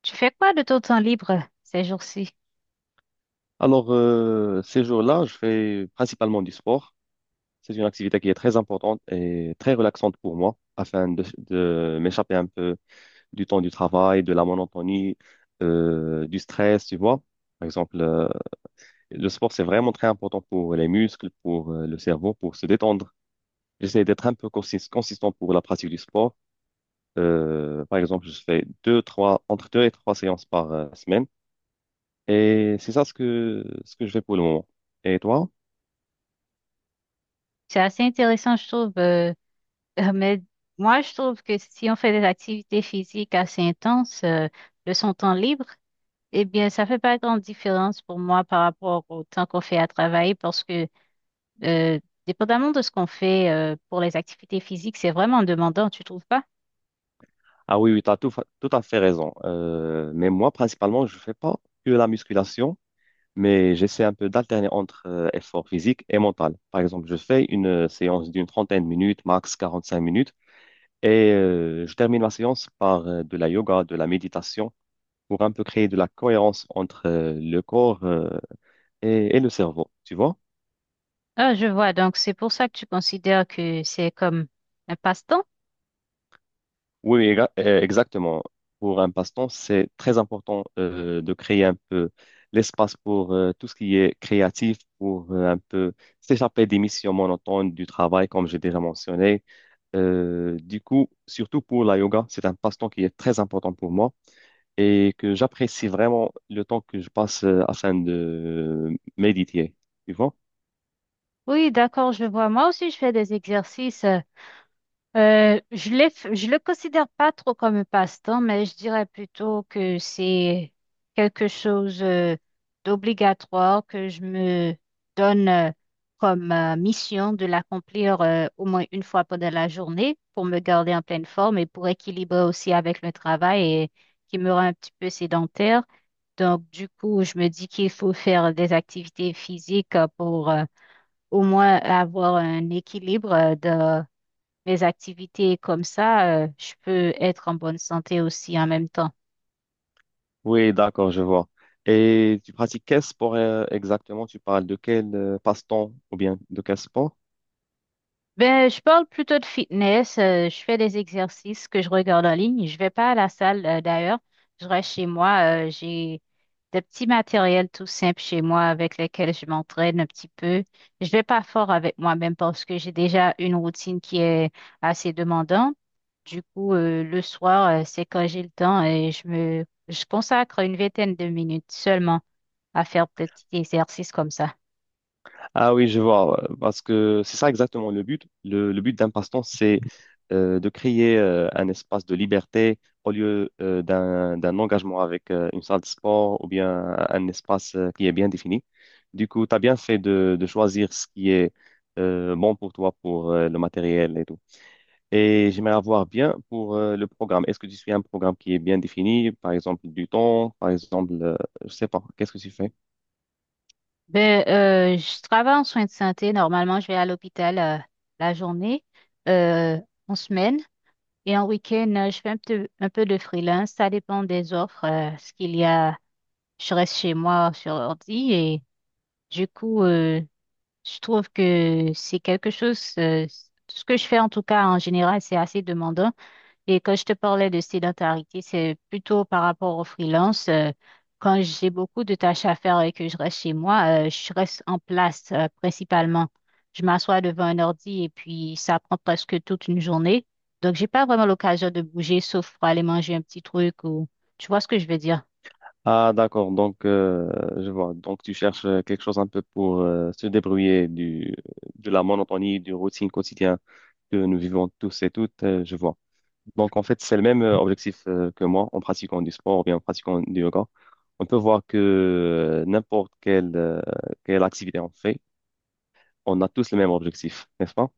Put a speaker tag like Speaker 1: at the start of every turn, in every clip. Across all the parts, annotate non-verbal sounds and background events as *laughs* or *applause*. Speaker 1: Tu fais quoi de ton temps libre ces jours-ci?
Speaker 2: Alors, ces jours-là, je fais principalement du sport. C'est une activité qui est très importante et très relaxante pour moi, afin de m'échapper un peu du temps du travail, de la monotonie, du stress, tu vois. Par exemple, le sport, c'est vraiment très important pour les muscles, pour le cerveau, pour se détendre. J'essaie d'être un peu consistant pour la pratique du sport. Par exemple, je fais deux, trois, entre deux et trois séances par semaine. Et c'est ça ce que je fais pour le moment. Et toi?
Speaker 1: C'est assez intéressant, je trouve. *laughs* Mais moi, je trouve que si on fait des activités physiques assez intenses, de son temps libre, eh bien, ça fait pas grande différence pour moi par rapport au temps qu'on fait à travailler parce que Euh, dépendamment de ce qu'on fait, pour les activités physiques, c'est vraiment demandant, tu trouves pas?
Speaker 2: Ah oui, oui, tu as tout à fait raison. Mais moi, principalement, je fais pas que la musculation, mais j'essaie un peu d'alterner entre effort physique et mental. Par exemple, je fais une séance d'une trentaine de minutes, max 45 minutes, et je termine ma séance par de la yoga, de la méditation, pour un peu créer de la cohérence entre le corps, et le cerveau, tu vois?
Speaker 1: Ah, je vois. Donc, c'est pour ça que tu considères que c'est comme un passe-temps?
Speaker 2: Oui, exactement. Pour un passe-temps, c'est très important de créer un peu l'espace pour tout ce qui est créatif, pour un peu s'échapper des missions monotones du travail, comme j'ai déjà mentionné. Du coup, surtout pour la yoga, c'est un passe-temps qui est très important pour moi et que j'apprécie vraiment le temps que je passe, afin de méditer, tu vois?
Speaker 1: Oui, d'accord, je vois. Moi aussi, je fais des exercices. Euh, je l'ai, je le considère pas trop comme un passe-temps, mais je dirais plutôt que c'est quelque chose d'obligatoire que je me donne comme mission de l'accomplir, au moins une fois pendant la journée pour me garder en pleine forme et pour équilibrer aussi avec le travail et qui me rend un petit peu sédentaire. Donc, du coup, je me dis qu'il faut faire des activités physiques, pour au moins avoir un équilibre de mes activités comme ça, je peux être en bonne santé aussi en même temps.
Speaker 2: Oui, d'accord, je vois. Et tu pratiques quel sport, exactement? Tu parles de quel passe-temps ou bien de quel sport?
Speaker 1: Ben, je parle plutôt de fitness. Je fais des exercices que je regarde en ligne. Je vais pas à la salle, d'ailleurs. Je reste chez moi. J'ai des petits matériels tout simples chez moi avec lesquels je m'entraîne un petit peu. Je vais pas fort avec moi-même parce que j'ai déjà une routine qui est assez demandante. Du coup, le soir, c'est quand j'ai le temps et je consacre une vingtaine de minutes seulement à faire peut-être des petits exercices comme ça.
Speaker 2: Ah oui, je vois, parce que c'est ça exactement le but. Le but d'un passe-temps, c'est de créer un espace de liberté au lieu d'un engagement avec une salle de sport ou bien un espace, qui est bien défini. Du coup, tu as bien fait de choisir ce qui est bon pour toi, pour le matériel et tout. Et j'aimerais avoir bien pour le programme. Est-ce que tu suis un programme qui est bien défini, par exemple du temps, par exemple, je sais pas, qu'est-ce que tu fais?
Speaker 1: Ben, je travaille en soins de santé. Normalement, je vais à l'hôpital, la journée, euh, en semaine. Et en week-end, je fais un peu de freelance. Ça dépend des offres. Ce qu'il y a, je reste chez moi sur ordi. Et du coup, je trouve que c'est quelque chose, tout ce que je fais en tout cas en général, c'est assez demandant. Et quand je te parlais de sédentarité, c'est plutôt par rapport au freelance. Quand j'ai beaucoup de tâches à faire et que je reste chez moi, je reste en place, principalement. Je m'assois devant un ordi et puis ça prend presque toute une journée. Donc, j'ai pas vraiment l'occasion de bouger, sauf pour aller manger un petit truc ou tu vois ce que je veux dire.
Speaker 2: Ah, d'accord, donc je vois. Donc tu cherches quelque chose un peu pour se débrouiller du, de la monotonie, du routine quotidien que nous vivons tous et toutes, je vois. Donc, en fait, c'est le même objectif, que moi en pratiquant du sport ou bien en pratiquant du yoga. On peut voir que n'importe quelle activité on fait, on a tous le même objectif, n'est-ce pas?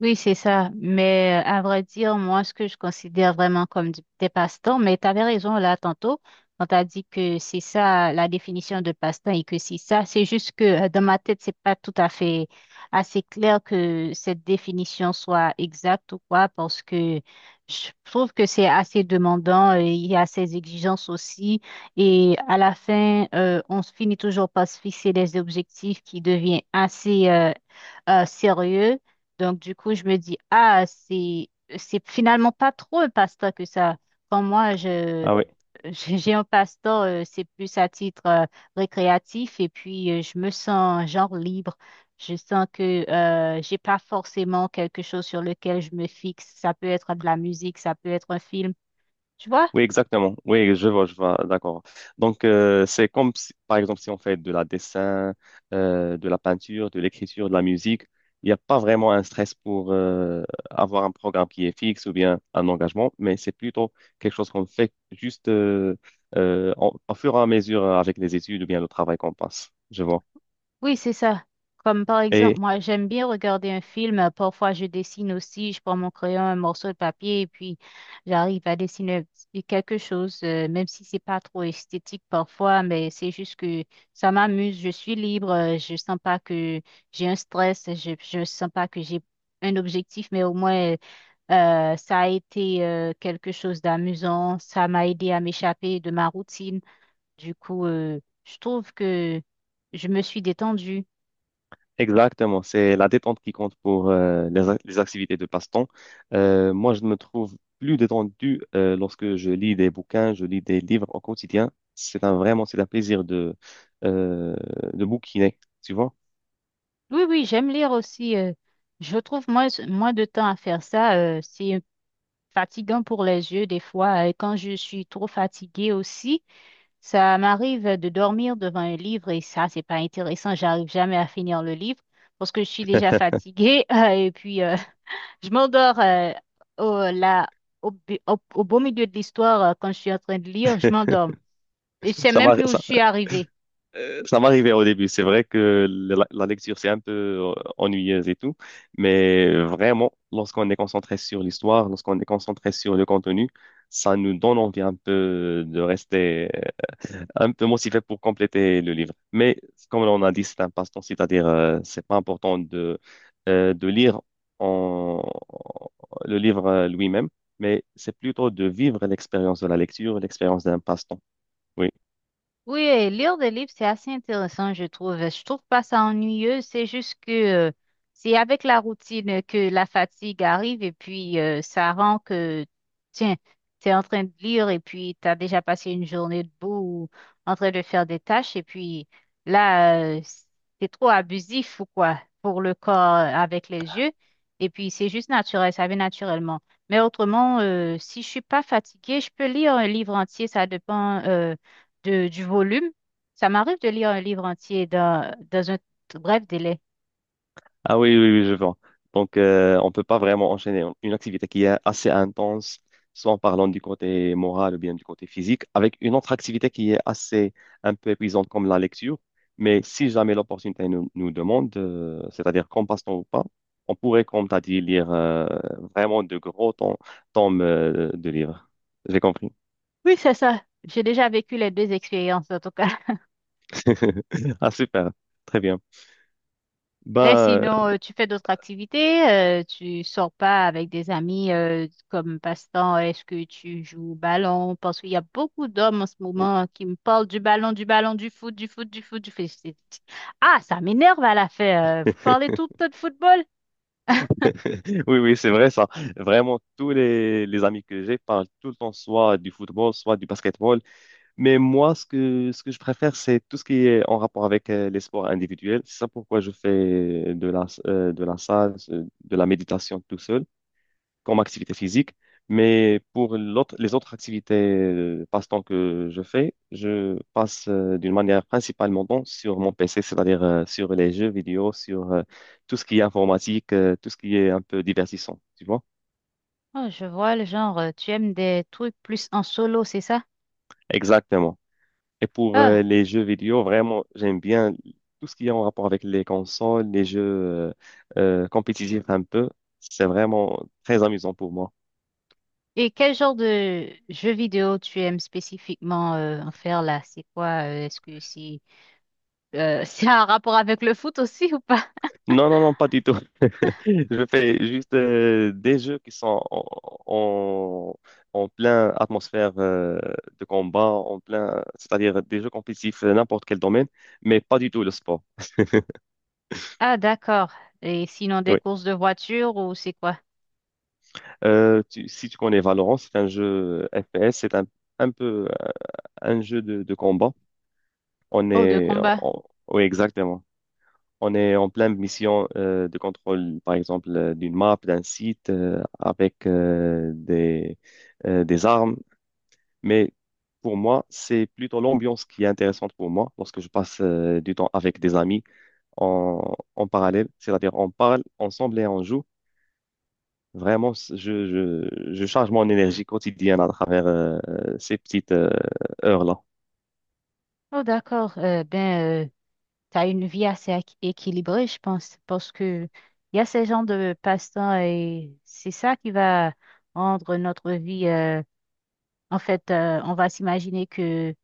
Speaker 1: Oui, c'est ça. Mais à vrai dire, moi, ce que je considère vraiment comme des passe-temps, mais tu avais raison là tantôt, quand tu as dit que c'est ça la définition de passe-temps et que c'est ça, c'est juste que dans ma tête, c'est pas tout à fait assez clair que cette définition soit exacte ou quoi, parce que je trouve que c'est assez demandant, il y a ces exigences aussi, et à la fin, on se finit toujours par se fixer des objectifs qui deviennent assez sérieux. Donc, du coup, je me dis, ah, c'est finalement pas trop un pasteur que ça. Quand moi,
Speaker 2: Ah oui.
Speaker 1: je- *laughs* J'ai un pasteur, c'est plus à titre récréatif et puis je me sens genre libre. Je sens que j'ai pas forcément quelque chose sur lequel je me fixe. Ça peut être de la musique, ça peut être un film. Tu vois?
Speaker 2: Oui, exactement. Oui, je vois, d'accord. Donc, c'est comme si, par exemple, si on fait de la dessin, de la peinture, de l'écriture, de la musique, il n'y a pas vraiment un stress pour avoir un programme qui est fixe ou bien un engagement, mais c'est plutôt quelque chose qu'on fait juste au fur et à mesure avec les études ou bien le travail qu'on passe. Je vois.
Speaker 1: Oui, c'est ça. Comme par exemple, moi, j'aime bien regarder un film. Parfois, je dessine aussi. Je prends mon crayon, un morceau de papier, et puis j'arrive à dessiner quelque chose, même si c'est pas trop esthétique parfois, mais c'est juste que ça m'amuse. Je suis libre. Je sens pas que j'ai un stress. Je sens pas que j'ai un objectif, mais au moins, ça a été, quelque chose d'amusant. Ça m'a aidé à m'échapper de ma routine. Du coup, je trouve que je me suis détendue.
Speaker 2: Exactement, c'est la détente qui compte pour les activités de passe-temps. Moi, je me trouve plus détendu lorsque je lis des bouquins, je lis des livres au quotidien. C'est un plaisir euh, de bouquiner, tu vois.
Speaker 1: Oui, oui, j'aime lire aussi. Je trouve moins de temps à faire ça. Euh, c'est fatigant pour les yeux des fois. Et quand je suis trop fatiguée aussi, ça m'arrive de dormir devant un livre et ça, c'est pas intéressant. J'arrive jamais à finir le livre parce que je suis déjà
Speaker 2: *laughs*
Speaker 1: fatiguée. *laughs* Et puis, je m'endors au, là, au, bu- au- au beau milieu de l'histoire, quand je suis en train de lire. Je m'endors. Et je sais
Speaker 2: Ça
Speaker 1: même
Speaker 2: m'a-
Speaker 1: plus où je
Speaker 2: ça,
Speaker 1: suis arrivée.
Speaker 2: Ça m'arrivait au début. C'est vrai que la lecture, c'est un peu ennuyeuse et tout, mais vraiment, lorsqu'on est concentré sur l'histoire, lorsqu'on est concentré sur le contenu, ça nous donne envie un peu de rester, un peu motivé pour compléter le livre. Mais comme on a dit, c'est un passe-temps, c'est-à-dire c'est pas important de lire en- le livre, lui-même, mais c'est plutôt de vivre l'expérience de la lecture, l'expérience d'un passe-temps. Oui.
Speaker 1: Oui, lire des livres, c'est assez intéressant, je trouve. Je trouve pas ça ennuyeux, c'est juste que euh, c'est avec la routine que la fatigue arrive et puis ça rend que, tiens, tu es en train de lire et puis tu as déjà passé une journée debout ou en train de faire des tâches et puis là, c'est trop abusif ou quoi pour le corps, avec les yeux, et puis c'est juste naturel, ça vient naturellement. Mais autrement, si je suis pas fatiguée, je peux lire un livre entier, ça dépend du volume. Ça m'arrive de lire un livre entier dans un bref délai.
Speaker 2: Ah oui, oui, oui, je vois. Donc, on peut pas vraiment enchaîner une activité qui est assez intense, soit en parlant du côté moral ou bien du côté physique, avec une autre activité qui est assez un peu épuisante comme la lecture. Mais si jamais l'opportunité nous, nous demande, c'est-à-dire qu'on passe temps ou pas, on pourrait, comme tu as dit, lire vraiment de gros tomes, de livres. J'ai compris.
Speaker 1: Oui, c'est ça. J'ai déjà vécu les deux expériences, en tout cas. *laughs*
Speaker 2: *laughs* Ah, super. Très bien.
Speaker 1: Mais
Speaker 2: Bah,
Speaker 1: sinon, tu fais d'autres activités, tu sors pas avec des amis comme passe-temps. Est-ce que tu joues au ballon? Parce qu'il y a beaucoup d'hommes en ce
Speaker 2: euh,
Speaker 1: moment qui me parlent du ballon, du ballon, du foot, du foot, du foot, du foot. C'est- ah, ça m'énerve à la fin. Vous parlez tout le temps de football?
Speaker 2: *laughs* oui, oui, c'est vrai ça. Vraiment, tous les amis que j'ai parlent tout le temps soit du football, soit du basketball. Mais moi, ce que je préfère, c'est tout ce qui est en rapport avec les sports individuels. C'est ça pourquoi je fais de la salle, de la méditation tout seul comme activité physique. Mais pour les autres activités passe-temps que je fais, je passe d'une manière principalement donc sur mon PC, c'est-à-dire sur les jeux vidéo, sur tout ce qui est informatique, tout ce qui est un peu divertissant, tu vois?
Speaker 1: Oh, je vois le genre, tu aimes des trucs plus en solo, c'est ça?
Speaker 2: Exactement. Et pour
Speaker 1: Ah,
Speaker 2: les jeux vidéo, vraiment, j'aime bien tout ce qui est en rapport avec les consoles, les jeux compétitifs un peu. C'est vraiment très amusant pour moi.
Speaker 1: et quel genre de jeu vidéo tu aimes spécifiquement, en faire là? C'est quoi? Euh, est-ce que c'est *laughs* c'est un rapport avec le foot aussi ou pas?
Speaker 2: Non, non, non, pas du tout. Je fais juste des jeux qui sont en, en plein atmosphère de combat, c'est-à-dire des jeux compétitifs, n'importe quel domaine, mais pas du tout le sport.
Speaker 1: Ah d'accord. Et sinon des
Speaker 2: Oui.
Speaker 1: courses de voiture ou c'est quoi?
Speaker 2: Si tu connais Valorant, c'est un jeu FPS, c'est un peu, un jeu de combat. On
Speaker 1: Oh de
Speaker 2: est,
Speaker 1: combat.
Speaker 2: on- oui, exactement. On est en pleine mission de contrôle, par exemple, d'une map, d'un site, avec des armes. Mais pour moi, c'est plutôt l'ambiance qui est intéressante pour moi lorsque je passe du temps avec des amis en parallèle. C'est-à-dire, on parle ensemble et on joue. Vraiment, je charge mon énergie quotidienne à travers ces petites heures-là.
Speaker 1: Oh d'accord. Ben t'as une vie assez équilibrée je pense parce que il y a ces genres de passe-temps et c'est ça qui va rendre notre vie. Euh, en fait, on va s'imaginer que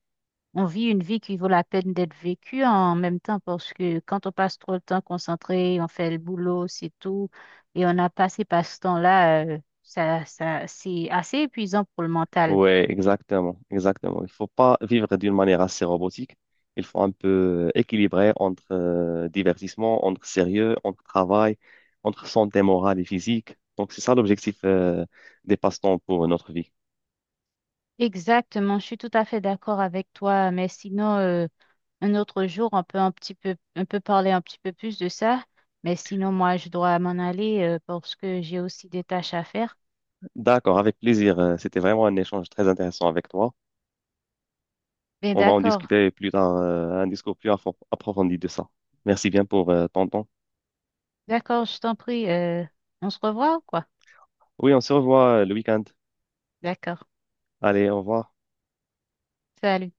Speaker 1: On vit une vie qui vaut la peine d'être vécue en même temps parce que quand on passe trop de temps concentré, on fait le boulot, c'est tout, et on a passé par ce temps-là, ça, c'est assez épuisant pour le mental.
Speaker 2: Ouais, exactement, exactement. Il faut pas vivre d'une manière assez robotique. Il faut un peu équilibrer entre divertissement, entre sérieux, entre travail, entre santé morale et physique. Donc, c'est ça l'objectif, des passe-temps pour notre vie.
Speaker 1: Exactement, je suis tout à fait d'accord avec toi, mais sinon, un autre jour, on peut parler un petit peu plus de ça, mais sinon, moi, je dois m'en aller, parce que j'ai aussi des tâches à faire.
Speaker 2: D'accord, avec plaisir. C'était vraiment un échange très intéressant avec toi.
Speaker 1: Mais
Speaker 2: On va en
Speaker 1: d'accord,
Speaker 2: discuter plus tard, un discours plus approfondi de ça. Merci bien pour ton temps.
Speaker 1: d'accord, je t'en prie, on se revoit ou quoi?
Speaker 2: Oui, on se revoit, le week-end.
Speaker 1: D'accord,
Speaker 2: Allez, au revoir.
Speaker 1: salut.